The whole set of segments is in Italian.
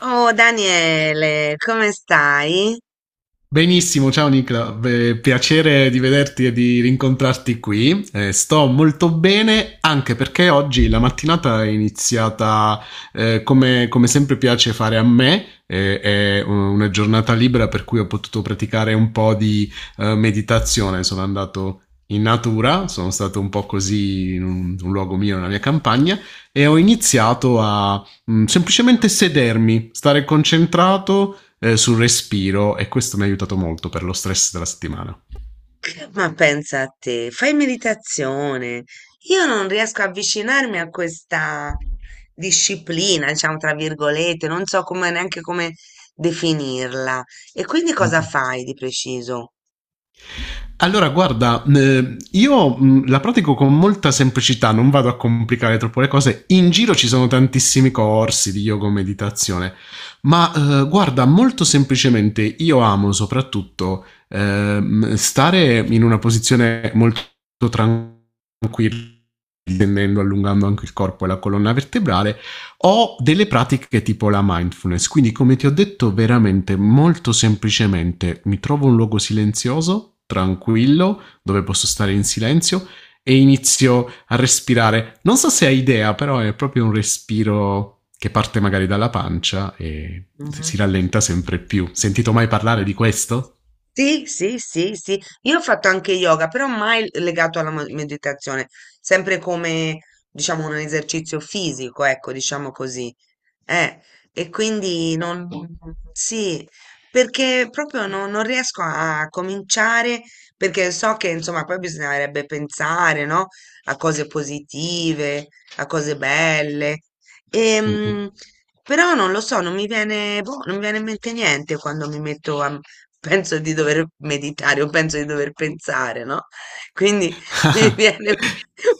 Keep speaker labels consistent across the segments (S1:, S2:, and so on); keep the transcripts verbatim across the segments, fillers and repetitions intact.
S1: Oh Daniele, come stai?
S2: Benissimo, ciao Nicola. Beh, piacere di vederti e di rincontrarti qui. Eh, sto molto bene anche perché oggi la mattinata è iniziata eh, come, come sempre piace fare a me. Eh, è una giornata libera per cui ho potuto praticare un po' di eh, meditazione. Sono andato in natura, sono stato un po' così in un, un luogo mio, nella mia campagna, e ho iniziato a mm, semplicemente sedermi, stare concentrato eh, sul respiro, e questo mi ha aiutato molto per lo stress della settimana.
S1: Ma pensa a te, fai meditazione. Io non riesco a avvicinarmi a questa disciplina, diciamo tra virgolette, non so come- neanche come definirla. E quindi cosa fai di preciso?
S2: Allora, guarda, eh, io mh, la pratico con molta semplicità, non vado a complicare troppo le cose. In giro ci sono tantissimi corsi di yoga o meditazione, ma eh, guarda, molto semplicemente io amo soprattutto ehm, stare in una posizione molto tranquilla, tendendo, allungando anche il corpo e la colonna vertebrale, o delle pratiche tipo la mindfulness. Quindi, come ti ho detto, veramente molto semplicemente mi trovo un luogo silenzioso, tranquillo, dove posso stare in silenzio e inizio a respirare. Non so se hai idea, però è proprio un respiro che parte magari dalla pancia e si
S1: Mhm.
S2: rallenta sempre più. Sentito mai parlare
S1: Mh.
S2: di questo?
S1: Sì, sì, sì, sì. Io ho fatto anche yoga, però mai l legato alla mo meditazione, sempre come, diciamo, un esercizio fisico, ecco, diciamo così. Eh, e quindi non sì, perché proprio no non riesco a cominciare, perché so che, insomma, poi bisognerebbe pensare, no, a cose positive, a cose belle.
S2: Mm-mm.
S1: Ehm, Però non lo so, non mi viene, boh, non mi viene in mente niente quando mi metto a... Penso di dover meditare o penso di dover pensare, no? Quindi mi viene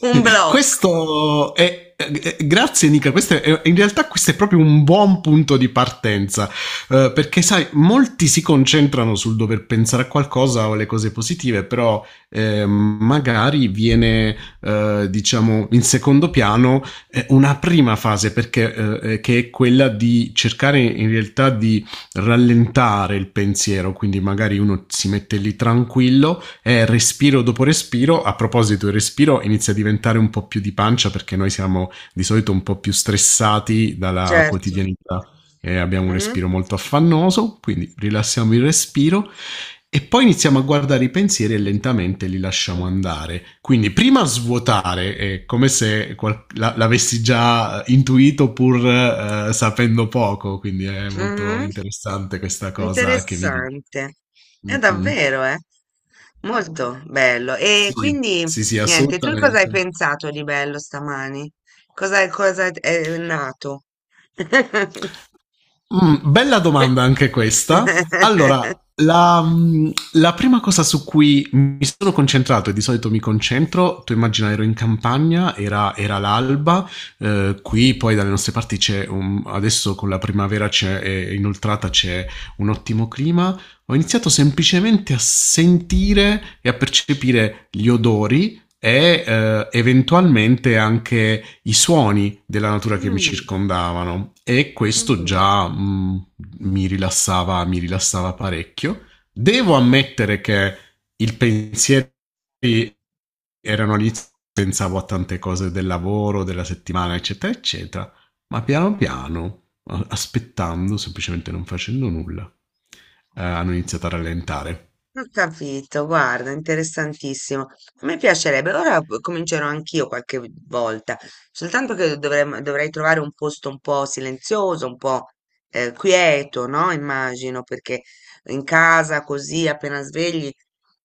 S1: un blocco.
S2: Questo
S1: Eh,
S2: è, eh, eh, grazie Nica, questo è, in realtà questo è proprio un buon punto di partenza, eh, perché sai, molti si concentrano sul dover pensare a qualcosa o alle cose positive, però eh, magari viene, eh, diciamo, in secondo piano eh, una prima fase, perché, eh, eh, che è quella di cercare in realtà di rallentare il pensiero. Quindi magari uno si mette lì tranquillo è respiro dopo respiro. A proposito, il respiro inizia a diventare un po' più di pancia perché noi siamo di solito un po' più stressati dalla
S1: Certo.
S2: quotidianità e abbiamo un
S1: Mhm.
S2: respiro molto affannoso, quindi rilassiamo il respiro e poi iniziamo a guardare i pensieri e lentamente li lasciamo andare. Quindi prima svuotare, è come se qual- la- l'avessi già intuito pur eh, sapendo poco, quindi è molto
S1: Mhm.
S2: interessante questa cosa che mi dici.
S1: Interessante. È
S2: Mm-mm.
S1: davvero, eh? Molto bello. E
S2: Sì,
S1: quindi,
S2: sì, sì,
S1: niente, tu cosa hai
S2: assolutamente.
S1: pensato di bello stamani? Cosa, cosa è nato?
S2: Mm, bella domanda anche questa. Allora, la, mm, la prima cosa su cui mi sono concentrato, e di solito mi concentro, tu immagina, ero in campagna, era, era l'alba, eh, qui poi dalle nostre parti c'è, un, adesso con la primavera c'è, è inoltrata, c'è un ottimo clima, ho iniziato semplicemente a sentire e a percepire gli odori e eh, eventualmente anche i suoni della natura che mi
S1: Mm,
S2: circondavano, e questo
S1: mm.
S2: già mh, mi rilassava, mi rilassava parecchio. Devo ammettere che il pensiero erano all'inizio, pensavo a tante cose del lavoro, della settimana, eccetera, eccetera, ma piano piano, aspettando, semplicemente non facendo nulla, eh, hanno iniziato a rallentare.
S1: Ho capito, guarda, interessantissimo. A me piacerebbe, ora p- comincerò anch'io qualche volta, soltanto che dovrem- dovrei trovare un posto un po' silenzioso, un po' eh, quieto, no? Immagino, perché in casa così appena svegli,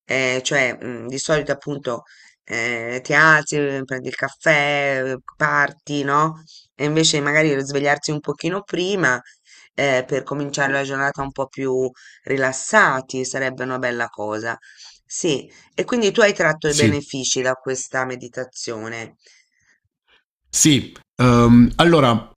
S1: eh, cioè mm, di solito appunto eh, ti alzi, eh, prendi il caffè, eh, parti, no? E invece magari svegliarsi un pochino prima eh, per cominciare la giornata un po' più rilassati, sarebbe una bella cosa. Sì, e quindi tu hai tratto i
S2: Sì,
S1: benefici da questa meditazione.
S2: sì. Um, allora,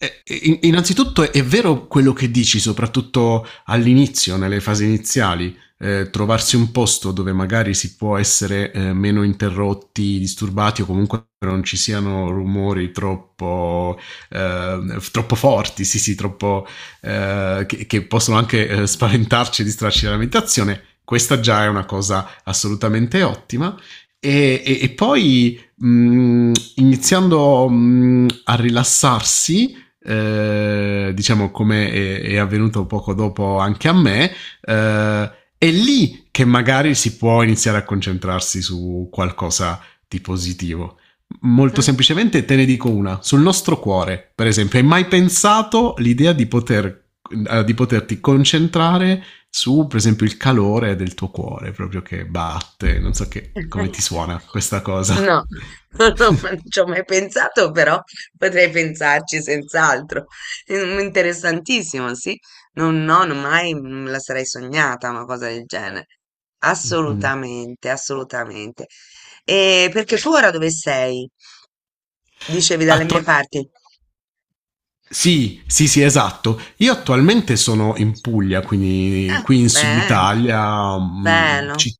S2: innanzitutto è vero quello che dici, soprattutto all'inizio, nelle fasi iniziali, eh, trovarsi un posto dove magari si può essere eh, meno interrotti, disturbati, o comunque non ci siano rumori troppo, eh, troppo forti, sì sì, troppo, eh, che, che, possono anche eh, spaventarci e distrarci dalla meditazione. Questa già è una cosa assolutamente ottima. E, e, e, poi mh, iniziando mh, a rilassarsi, eh, diciamo come è, è avvenuto poco dopo anche a me, eh, è lì che magari si può iniziare a concentrarsi su qualcosa di positivo. Molto
S1: Mm?
S2: semplicemente te ne dico una: sul nostro cuore, per esempio. Hai mai pensato l'idea di poter, eh, di poterti concentrare su, per esempio, il calore del tuo cuore proprio che batte, non so, che, come ti suona questa cosa?
S1: No, non ci ho mai pensato, però potrei pensarci senz'altro. Mm, interessantissimo, sì. Non, no, non mai me la sarei sognata una cosa del genere.
S2: Mm-mm.
S1: Assolutamente, assolutamente. E perché tu ora dove sei? Dicevi dalle mie
S2: Atto-
S1: parti.
S2: Sì, sì, sì, esatto. Io attualmente sono in Puglia, quindi
S1: Ah,
S2: qui in Sud
S1: beh,
S2: Italia, mh,
S1: bello.
S2: ci-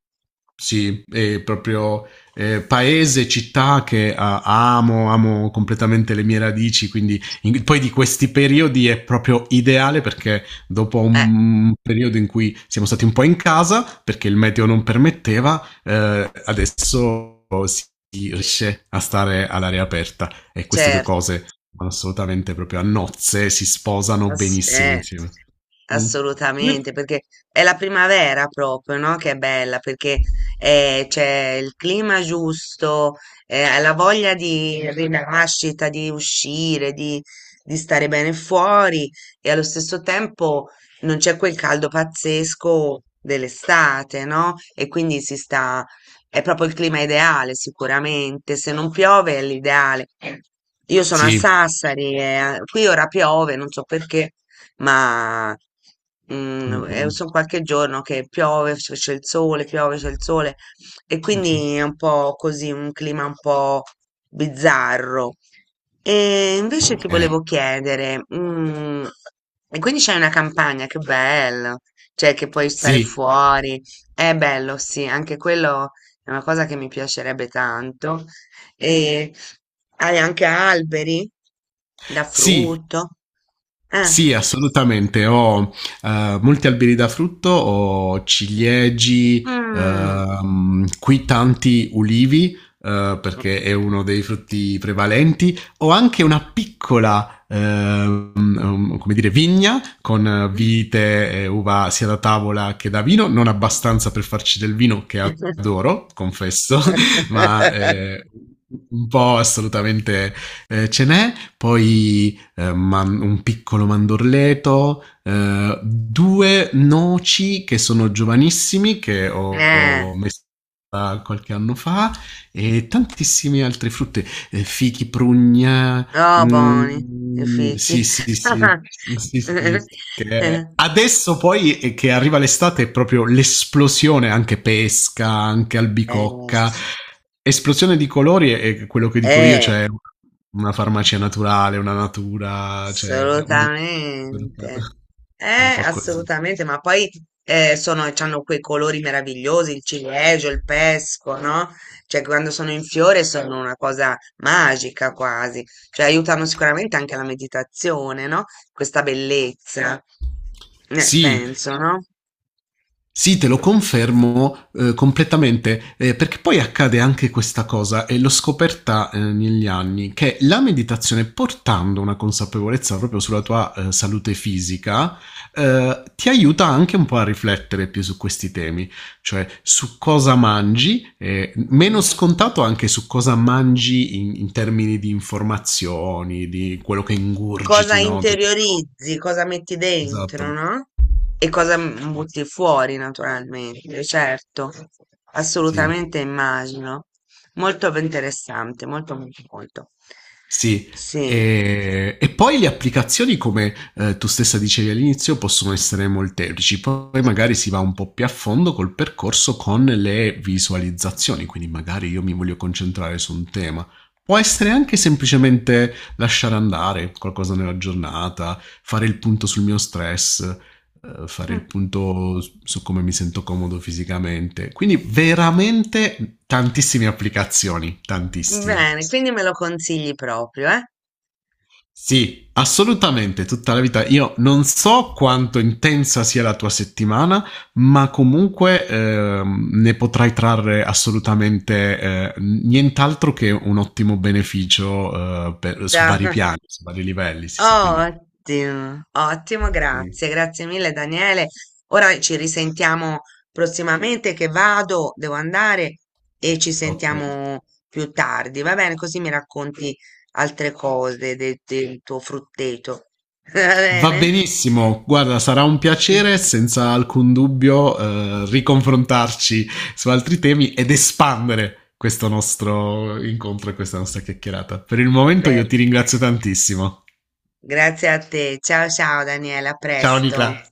S2: sì, è proprio eh, paese, città che ah, amo, amo completamente le mie radici, quindi in- poi di questi periodi è proprio ideale, perché dopo
S1: Eh,
S2: un periodo in cui siamo stati un po' in casa, perché il meteo non permetteva, eh, adesso si riesce a stare all'aria aperta, e queste due
S1: certo.
S2: cose vanno assolutamente proprio a nozze, si sposano
S1: Ass-
S2: benissimo
S1: eh,
S2: insieme. Mm.
S1: assolutamente, perché è la primavera proprio, no? Che è bella, perché eh, c'è il clima giusto, eh, la voglia di rinascita, di uscire, di, di stare bene fuori e allo stesso tempo non c'è quel caldo pazzesco dell'estate, no? E quindi si sta è proprio il clima ideale, sicuramente. Se non piove è l'ideale. Io sono a
S2: Sì.
S1: Sassari e eh, qui ora piove, non so perché, ma
S2: Mm, mm,
S1: sono qualche giorno che piove, c- c'è il sole, piove, c'è il sole e
S2: mm,
S1: quindi
S2: mm.
S1: è un po' così, un clima un po' bizzarro. E invece ti
S2: Ok.
S1: volevo chiedere, mm, e quindi c'è una campagna, che bello, cioè che puoi stare
S2: Sì.
S1: fuori, è bello, sì, anche quello è una cosa che mi piacerebbe tanto. E hai anche alberi da
S2: Sì,
S1: frutto. Eh.
S2: sì, assolutamente. Ho eh, molti alberi da frutto, ho ciliegi,
S1: Mm.
S2: ehm, qui tanti ulivi, eh, perché è uno dei frutti prevalenti. Ho anche una piccola, ehm, um, come dire, vigna con eh, vite e uva, sia da tavola che da vino, non abbastanza per farci del vino che adoro, confesso, ma eh, un po' assolutamente eh, ce n'è. Poi eh, man- un piccolo mandorleto, eh, due noci che sono giovanissimi, che ho
S1: Eh,
S2: ho messo da qualche anno fa, e tantissime altre frutte, eh, fichi, prugna.
S1: oh, buoni i
S2: Mhmm, sì,
S1: fichi.
S2: sì, sì. Sì, sì, sì. Che adesso poi e che arriva l'estate è proprio l'esplosione, anche pesca, anche
S1: Eh,
S2: albicocca, esplosione di colori è è quello che dico io,
S1: eh,
S2: cioè una farmacia naturale, una natura, cioè una un supermercato.
S1: assolutamente.
S2: È un
S1: Eh,
S2: po' così.
S1: assolutamente, ma poi eh, sono, hanno quei colori meravigliosi, il ciliegio, il pesco, no? Cioè, quando sono in fiore sono una cosa magica quasi, cioè aiutano sicuramente anche la meditazione, no? Questa bellezza, eh,
S2: Sì.
S1: penso, no?
S2: Sì, te lo confermo, eh, completamente, eh, perché poi accade anche questa cosa, e l'ho scoperta eh, negli anni, che la meditazione, portando una consapevolezza proprio sulla tua eh, salute fisica, eh, ti aiuta anche un po' a riflettere più su questi temi, cioè su cosa mangi, eh, meno
S1: Mm,
S2: scontato, anche su cosa mangi in, in, termini di informazioni, di quello che
S1: cosa
S2: ingurgiti, no? Tutto.
S1: interiorizzi, cosa metti dentro,
S2: Esatto,
S1: no? E cosa mm,
S2: sì.
S1: butti fuori, naturalmente, certo,
S2: Sì.
S1: assolutamente immagino. Molto interessante, molto, molto, molto.
S2: Sì,
S1: Sì.
S2: e, e poi le applicazioni, come eh, tu stessa dicevi all'inizio, possono essere molteplici. Poi magari si va un po' più a fondo col percorso, con le visualizzazioni, quindi magari io mi voglio concentrare su un tema. Può essere anche semplicemente lasciare andare qualcosa nella giornata, fare il punto sul mio stress, eh, fare il
S1: Mm,
S2: punto su come mi sento comodo fisicamente. Quindi veramente tantissime applicazioni, tantissime.
S1: bene, quindi me lo consigli proprio, eh?
S2: Sì, assolutamente, tutta la vita. Io non so quanto intensa sia la tua settimana, ma comunque ehm, ne potrai trarre assolutamente eh, nient'altro che un ottimo beneficio eh, per- su
S1: Dai.
S2: vari piani, su vari livelli. Sì, sì, quindi
S1: Ottimo, ottimo,
S2: sì,
S1: grazie, grazie mille Daniele. Ora ci risentiamo prossimamente che vado, devo andare e ci
S2: ok.
S1: sentiamo più tardi, va bene? Così mi racconti altre cose de- del tuo frutteto. Va
S2: Va
S1: bene?
S2: benissimo, guarda, sarà un piacere senza alcun dubbio eh, riconfrontarci su altri temi ed espandere questo nostro incontro e questa nostra chiacchierata. Per il momento io
S1: Perfetto.
S2: ti ringrazio tantissimo.
S1: Grazie a te. Ciao ciao Daniele, a
S2: Ciao
S1: presto.
S2: Nicola.